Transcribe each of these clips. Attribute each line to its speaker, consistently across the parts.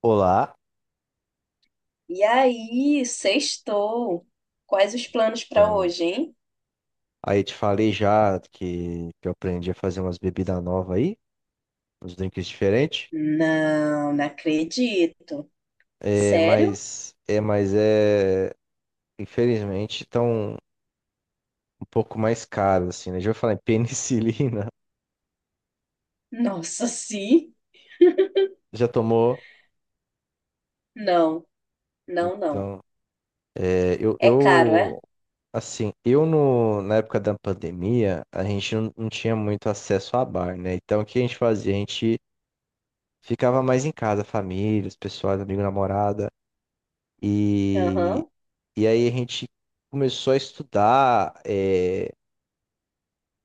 Speaker 1: Olá,
Speaker 2: E aí, sextou. Quais os planos para
Speaker 1: então,
Speaker 2: hoje, hein?
Speaker 1: aí te falei já que eu aprendi a fazer umas bebidas novas aí, uns drinks diferentes,
Speaker 2: Não, não acredito.
Speaker 1: é,
Speaker 2: Sério?
Speaker 1: mas é, mas é, infelizmente, estão um pouco mais caros, assim, né? Já vou falar em penicilina,
Speaker 2: Nossa, sim?
Speaker 1: já tomou?
Speaker 2: Não, não, não.
Speaker 1: Então, é, eu,
Speaker 2: É caro, é?
Speaker 1: eu, assim, eu no, na época da pandemia, a gente não tinha muito acesso a bar, né? Então, o que a gente fazia? A gente ficava mais em casa, família, os pessoal, amigo, namorada. e
Speaker 2: Aham.
Speaker 1: E aí a gente começou a estudar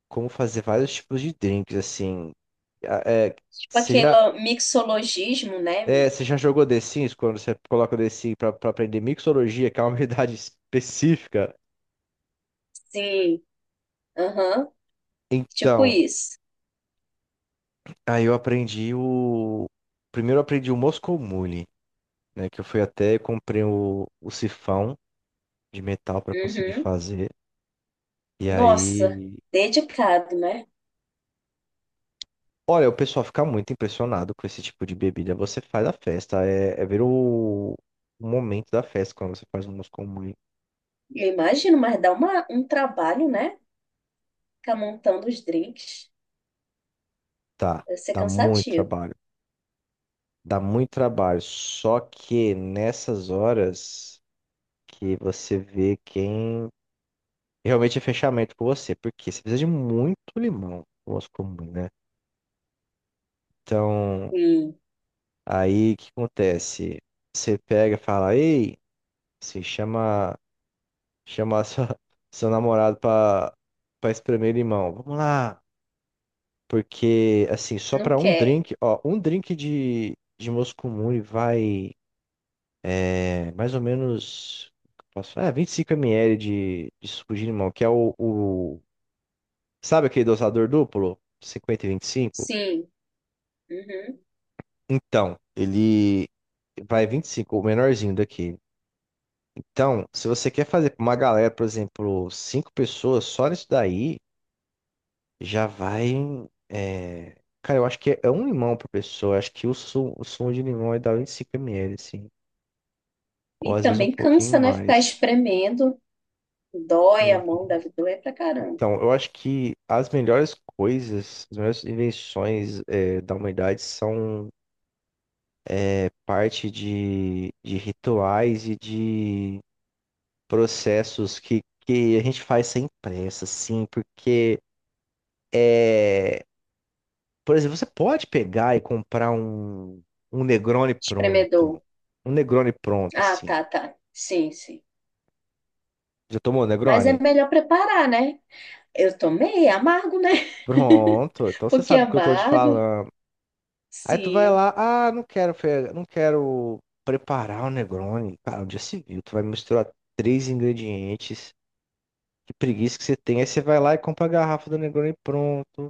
Speaker 1: como fazer vários tipos de drinks, assim. A- É,
Speaker 2: Tipo
Speaker 1: você já,
Speaker 2: aquele mixologismo, né?
Speaker 1: Você já jogou The Sims quando você coloca o The Sims pra aprender mixologia, que é uma habilidade específica?
Speaker 2: Sim, aham. Tipo
Speaker 1: Então,
Speaker 2: isso.
Speaker 1: aí eu aprendi o... primeiro eu aprendi o Moscow Mule, né? Que eu fui até, e comprei o sifão de metal pra conseguir
Speaker 2: Uhum.
Speaker 1: fazer. E
Speaker 2: Nossa,
Speaker 1: aí...
Speaker 2: dedicado, né?
Speaker 1: Olha, o pessoal fica muito impressionado com esse tipo de bebida. Você faz a festa, ver o momento da festa quando você faz um moscou muito.
Speaker 2: Eu imagino, mas dá um trabalho, né? Ficar montando os drinks.
Speaker 1: Tá,
Speaker 2: Deve ser
Speaker 1: dá muito
Speaker 2: cansativo.
Speaker 1: trabalho. Dá muito trabalho. Só que nessas horas que você vê quem realmente é fechamento com você, porque você precisa de muito limão, o moscou muito, né? Então,
Speaker 2: Sim,
Speaker 1: aí o que acontece? Você pega e fala, ei, se chama. Chamar seu namorado pra espremer limão. Vamos lá. Porque, assim, só
Speaker 2: não
Speaker 1: pra um
Speaker 2: quer.
Speaker 1: drink, ó, um drink de Moscumune vai, mais ou menos, posso falar, 25 ml de suco de limão, que é o, sabe aquele dosador duplo? 50 e 25.
Speaker 2: Sim. Uhum.
Speaker 1: Então, ele vai 25 o menorzinho daqui. Então, se você quer fazer pra uma galera, por exemplo, cinco pessoas, só nisso daí, já vai. é, Cara, eu acho que é um limão por pessoa. Acho que o sumo de limão é da dá 5 ml, assim. Ou
Speaker 2: E
Speaker 1: às vezes um
Speaker 2: também
Speaker 1: pouquinho
Speaker 2: cansa, né? Ficar
Speaker 1: mais.
Speaker 2: espremendo. Dói a
Speaker 1: Uhum.
Speaker 2: mão, deve doer pra caramba.
Speaker 1: Então, eu acho que as melhores coisas, as melhores invenções, da humanidade, são parte de rituais e de processos que a gente faz sem pressa, assim, é por exemplo, você pode pegar e comprar um Negroni pronto.
Speaker 2: Espremedor.
Speaker 1: Um Negroni pronto,
Speaker 2: Ah,
Speaker 1: assim.
Speaker 2: tá, tá. Sim, sim.
Speaker 1: Já tomou
Speaker 2: Mas é
Speaker 1: Negroni?
Speaker 2: melhor preparar, né? Eu tomei, é amargo, né?
Speaker 1: Pronto. Então você
Speaker 2: Porque é
Speaker 1: sabe o que eu tô te
Speaker 2: amargo.
Speaker 1: falando. Aí tu vai
Speaker 2: Sim.
Speaker 1: lá, ah, não quero preparar o Negroni. Cara, onde já se viu? Tu vai misturar três ingredientes. Que preguiça que você tem. Aí você vai lá e compra a garrafa do Negroni pronto.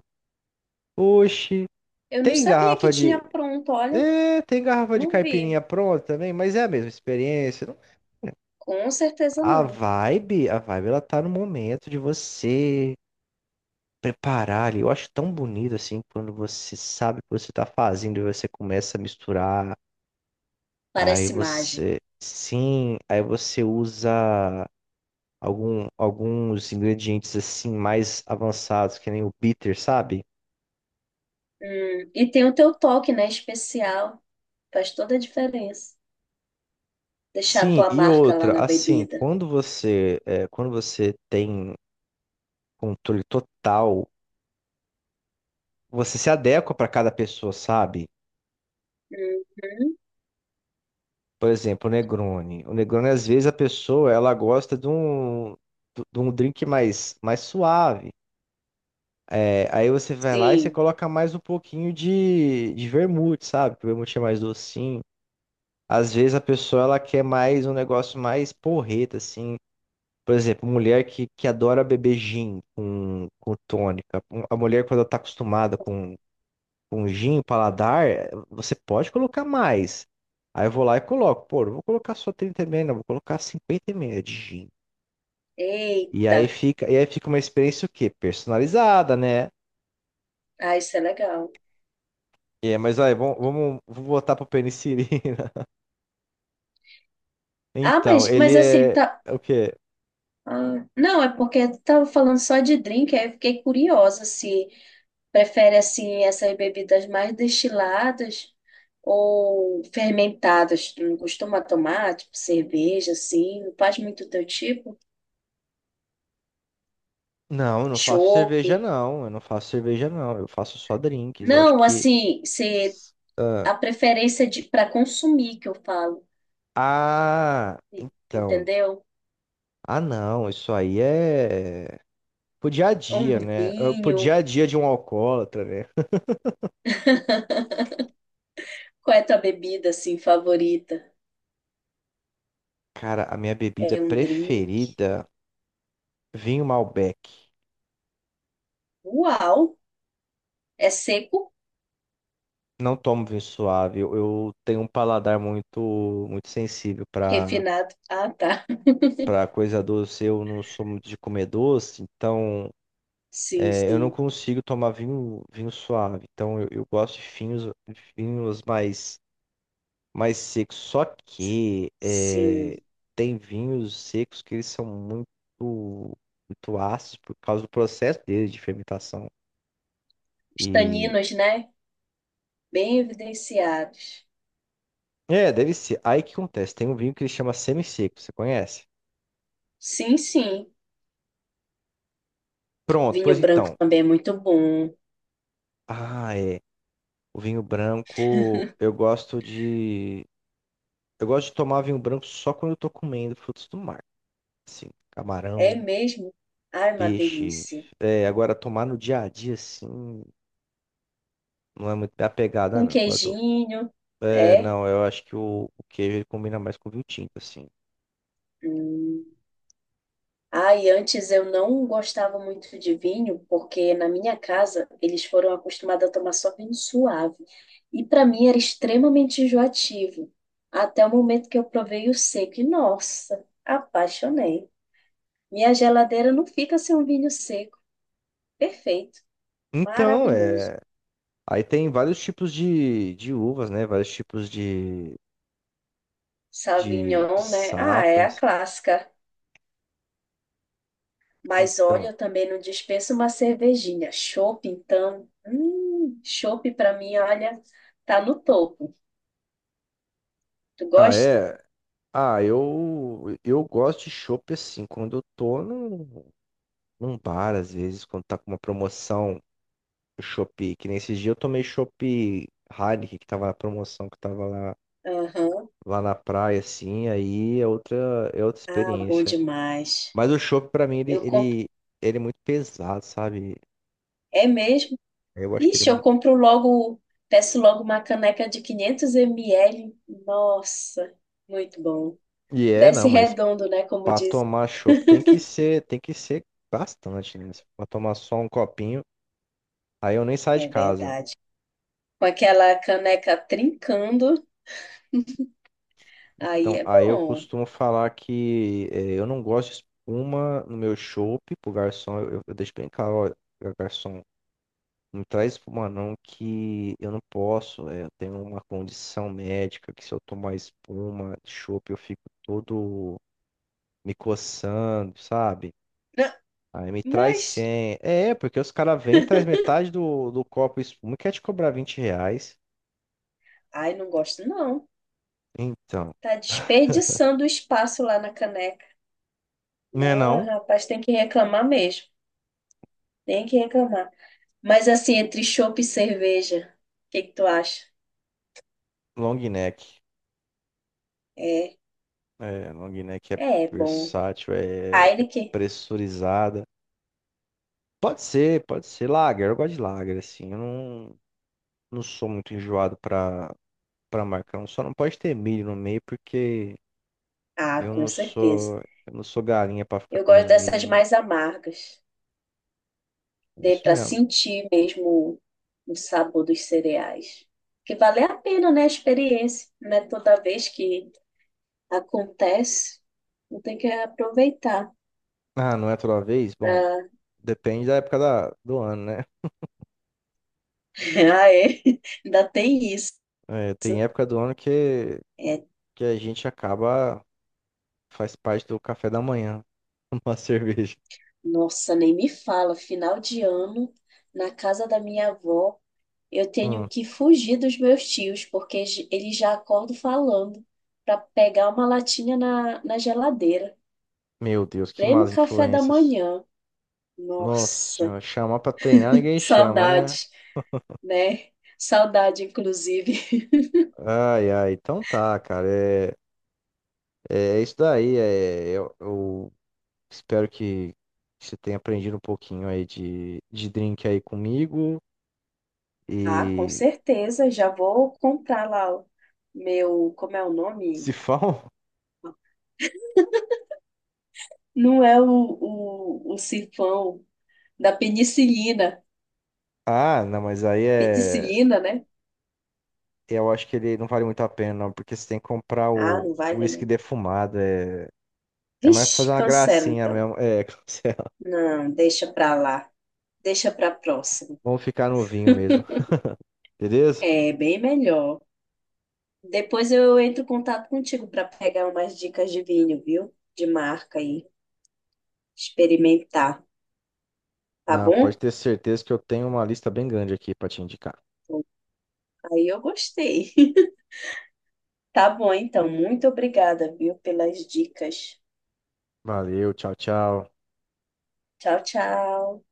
Speaker 1: Oxi,
Speaker 2: Eu não
Speaker 1: tem
Speaker 2: sabia que
Speaker 1: garrafa
Speaker 2: tinha
Speaker 1: de.
Speaker 2: pronto, olha.
Speaker 1: É, tem garrafa de
Speaker 2: Não vi.
Speaker 1: caipirinha pronta também, mas é a mesma experiência.
Speaker 2: Com certeza
Speaker 1: A
Speaker 2: não.
Speaker 1: vibe, a vibe, ela tá no momento de você preparar ali. Eu acho tão bonito assim quando você sabe o que você tá fazendo e você começa a misturar. Aí
Speaker 2: Parece mágica.
Speaker 1: você, sim, aí você usa alguns ingredientes assim mais avançados, que nem o bitter, sabe?
Speaker 2: E tem o teu toque, né? Especial. Faz toda a diferença. Deixar a
Speaker 1: Sim,
Speaker 2: tua
Speaker 1: e
Speaker 2: marca lá
Speaker 1: outra,
Speaker 2: na
Speaker 1: assim,
Speaker 2: bebida.
Speaker 1: quando você tem controle total, você se adequa para cada pessoa, sabe?
Speaker 2: Uhum.
Speaker 1: Por exemplo, o Negroni. O Negroni, às vezes, a pessoa ela gosta de um drink mais suave. É, aí você vai lá e você
Speaker 2: Sim.
Speaker 1: coloca mais um pouquinho de vermute, sabe? Que o vermute é mais docinho. Às vezes a pessoa ela quer mais um negócio mais porreta, assim. Por exemplo, mulher que adora beber gin com tônica. A mulher, quando ela tá acostumada com gin, paladar, você pode colocar mais. Aí eu vou lá e coloco, pô, não vou colocar só 30 ml, não, vou colocar 50 ml de gin. E
Speaker 2: Eita.
Speaker 1: aí fica, e aí fica uma experiência o quê? Personalizada, né?
Speaker 2: Ah, isso é legal.
Speaker 1: É, mas aí, vou voltar pro penicilina.
Speaker 2: Ah,
Speaker 1: Então,
Speaker 2: mas
Speaker 1: ele
Speaker 2: assim,
Speaker 1: é
Speaker 2: tá.
Speaker 1: é o quê?
Speaker 2: Ah, não, é porque tu tava falando só de drink, aí eu fiquei curiosa se prefere assim essas bebidas mais destiladas ou fermentadas. Tu não costuma tomar, tipo cerveja, assim, não faz muito teu tipo?
Speaker 1: Não, eu não faço
Speaker 2: Chope.
Speaker 1: cerveja, não. Eu não faço cerveja, não. Eu faço só drinks. Eu acho
Speaker 2: Não,
Speaker 1: que.
Speaker 2: assim, se
Speaker 1: Ah,
Speaker 2: a preferência de para consumir que eu falo,
Speaker 1: ah, então.
Speaker 2: entendeu?
Speaker 1: Ah, não. Isso aí é. Pro dia a
Speaker 2: Um
Speaker 1: dia, né? Pro
Speaker 2: vinho.
Speaker 1: dia a dia de um alcoólatra, né?
Speaker 2: Qual é a tua bebida assim favorita?
Speaker 1: Cara, a minha bebida
Speaker 2: É um drink.
Speaker 1: preferida, vinho Malbec.
Speaker 2: Uau! É seco,
Speaker 1: Não tomo vinho suave. Eu tenho um paladar muito, muito sensível
Speaker 2: refinado. Ah, tá.
Speaker 1: para coisa doce. Eu não sou muito de comer doce, então
Speaker 2: Sim,
Speaker 1: eu não
Speaker 2: sim,
Speaker 1: consigo tomar vinho suave. Então eu gosto de vinhos mais seco. Só que
Speaker 2: sim.
Speaker 1: tem vinhos secos que eles são muito, muito ácidos por causa do processo deles de fermentação.
Speaker 2: Os
Speaker 1: E
Speaker 2: taninos, né? Bem evidenciados.
Speaker 1: é, deve ser. Aí o que acontece? Tem um vinho que ele chama semi-seco, você conhece?
Speaker 2: Sim, sim.
Speaker 1: Pronto, pois
Speaker 2: Vinho branco
Speaker 1: então.
Speaker 2: também é muito bom.
Speaker 1: Ah, é. O vinho branco, eu gosto de. Eu gosto de tomar vinho branco só quando eu tô comendo frutos do mar. Assim,
Speaker 2: É
Speaker 1: camarão,
Speaker 2: mesmo? Ai, uma
Speaker 1: peixe.
Speaker 2: delícia.
Speaker 1: É, agora tomar no dia a dia, assim, não é muito minha pegada,
Speaker 2: Com
Speaker 1: não. Agora,
Speaker 2: queijinho, é?
Speaker 1: Não, eu acho que o queijo ele combina mais com o vinho tinto, assim.
Speaker 2: Hum. Ah, e antes eu não gostava muito de vinho, porque na minha casa eles foram acostumados a tomar só vinho suave. E para mim era extremamente enjoativo, até o momento que eu provei o seco. E nossa, apaixonei. Minha geladeira não fica sem um vinho seco. Perfeito,
Speaker 1: Então,
Speaker 2: maravilhoso.
Speaker 1: é. Aí tem vários tipos de uvas, né? Vários tipos de
Speaker 2: Sauvignon, né? Ah, é a
Speaker 1: safras.
Speaker 2: clássica. Mas olha,
Speaker 1: Então,
Speaker 2: eu também não dispenso uma cervejinha. Chopp, então. Chopp para mim, olha, tá no topo. Tu
Speaker 1: ah,
Speaker 2: gosta?
Speaker 1: é. Ah, eu gosto de chopp assim, quando eu tô num bar, às vezes, quando tá com uma promoção, chopp, que nesse dia eu tomei chopp Heineken, que tava na promoção, que tava
Speaker 2: Aham.
Speaker 1: lá na praia, assim, é outra
Speaker 2: Ah, bom
Speaker 1: experiência.
Speaker 2: demais.
Speaker 1: Mas o chopp, pra mim, ele,
Speaker 2: Eu compro.
Speaker 1: ele, ele é muito pesado, sabe?
Speaker 2: É mesmo?
Speaker 1: Eu acho que ele.
Speaker 2: Ixi, eu compro logo, peço logo uma caneca de 500 ml. Nossa, muito bom.
Speaker 1: E é,
Speaker 2: Desce
Speaker 1: não, mas
Speaker 2: redondo, né? Como
Speaker 1: pra
Speaker 2: diz.
Speaker 1: tomar chopp tem que ser bastante, né? Se for tomar só um copinho, aí eu nem saio
Speaker 2: É
Speaker 1: de casa.
Speaker 2: verdade. Com aquela caneca trincando, aí
Speaker 1: Então,
Speaker 2: é
Speaker 1: aí eu
Speaker 2: bom.
Speaker 1: costumo falar que eu não gosto de espuma no meu chopp, pro garçom, eu deixo bem claro, olha, garçom, não traz espuma não, que eu não posso, eu tenho uma condição médica que se eu tomar espuma de chopp, eu fico todo, me coçando, sabe?
Speaker 2: Não,
Speaker 1: Aí me traz
Speaker 2: mas,
Speaker 1: 100. É, porque os caras vêm, traz metade do copo espuma e quer te cobrar R$ 20.
Speaker 2: ai, não gosto não.
Speaker 1: Então,
Speaker 2: Tá desperdiçando o espaço lá na caneca.
Speaker 1: né
Speaker 2: Mas,
Speaker 1: não?
Speaker 2: rapaz, tem que reclamar mesmo. Tem que reclamar. Mas assim, entre chopp e cerveja, o que que tu acha?
Speaker 1: Long neck.
Speaker 2: É,
Speaker 1: É, long neck é
Speaker 2: é bom.
Speaker 1: versátil,
Speaker 2: Heineken?
Speaker 1: pressurizada. Pode ser, pode ser. Lager, eu gosto de lager, assim. Eu não sou muito enjoado pra marcão. Só não pode ter milho no meio, porque
Speaker 2: Ah, com certeza.
Speaker 1: eu não sou galinha pra ficar
Speaker 2: Eu gosto
Speaker 1: comendo milho,
Speaker 2: dessas
Speaker 1: não.
Speaker 2: mais amargas.
Speaker 1: É
Speaker 2: Dê
Speaker 1: isso
Speaker 2: para
Speaker 1: mesmo.
Speaker 2: sentir mesmo o sabor dos cereais. Que vale a pena, né, a experiência. Não é toda vez que acontece. Não tem que aproveitar.
Speaker 1: Ah, não é toda vez? Bom,
Speaker 2: pra-
Speaker 1: depende da, época do ano, né?
Speaker 2: Ah, é. Ainda tem isso.
Speaker 1: É, tem época do ano que,
Speaker 2: É,
Speaker 1: que a gente acaba, faz parte do café da manhã, uma cerveja.
Speaker 2: nossa, nem me fala. Final de ano, na casa da minha avó, eu tenho
Speaker 1: Hum,
Speaker 2: que fugir dos meus tios, porque eles já acordam falando para pegar uma latinha na geladeira.
Speaker 1: meu Deus, que
Speaker 2: Prêmio
Speaker 1: más
Speaker 2: café da
Speaker 1: influências.
Speaker 2: manhã.
Speaker 1: Nossa
Speaker 2: Nossa,
Speaker 1: senhora, chamar pra treinar ninguém chama, né?
Speaker 2: saudades, né? Saudade, inclusive.
Speaker 1: Ai, ai, então tá, cara. É isso daí. Eu espero que você tenha aprendido um pouquinho aí de drink aí comigo.
Speaker 2: Ah, com
Speaker 1: E
Speaker 2: certeza, já vou comprar lá o meu. Como é o
Speaker 1: se
Speaker 2: nome?
Speaker 1: for.
Speaker 2: Não é o sifão da penicilina.
Speaker 1: Ah, não, mas aí é.
Speaker 2: Penicilina, né?
Speaker 1: Eu acho que ele não vale muito a pena, não, porque você tem que comprar
Speaker 2: Ah,
Speaker 1: o
Speaker 2: não
Speaker 1: o
Speaker 2: vale
Speaker 1: uísque
Speaker 2: não.
Speaker 1: defumado. É, é mais pra
Speaker 2: Vixe,
Speaker 1: fazer uma
Speaker 2: cancela
Speaker 1: gracinha
Speaker 2: então.
Speaker 1: mesmo. É, cancela.
Speaker 2: Não, deixa pra lá. Deixa para próxima.
Speaker 1: Vamos ficar no vinho mesmo, beleza?
Speaker 2: É bem melhor. Depois eu entro em contato contigo para pegar umas dicas de vinho, viu? De marca aí, experimentar, tá
Speaker 1: Não, pode
Speaker 2: bom?
Speaker 1: ter certeza que eu tenho uma lista bem grande aqui pra te indicar.
Speaker 2: Aí eu gostei. Tá bom, então. Muito obrigada, viu, pelas dicas.
Speaker 1: Valeu, tchau, tchau.
Speaker 2: Tchau, tchau.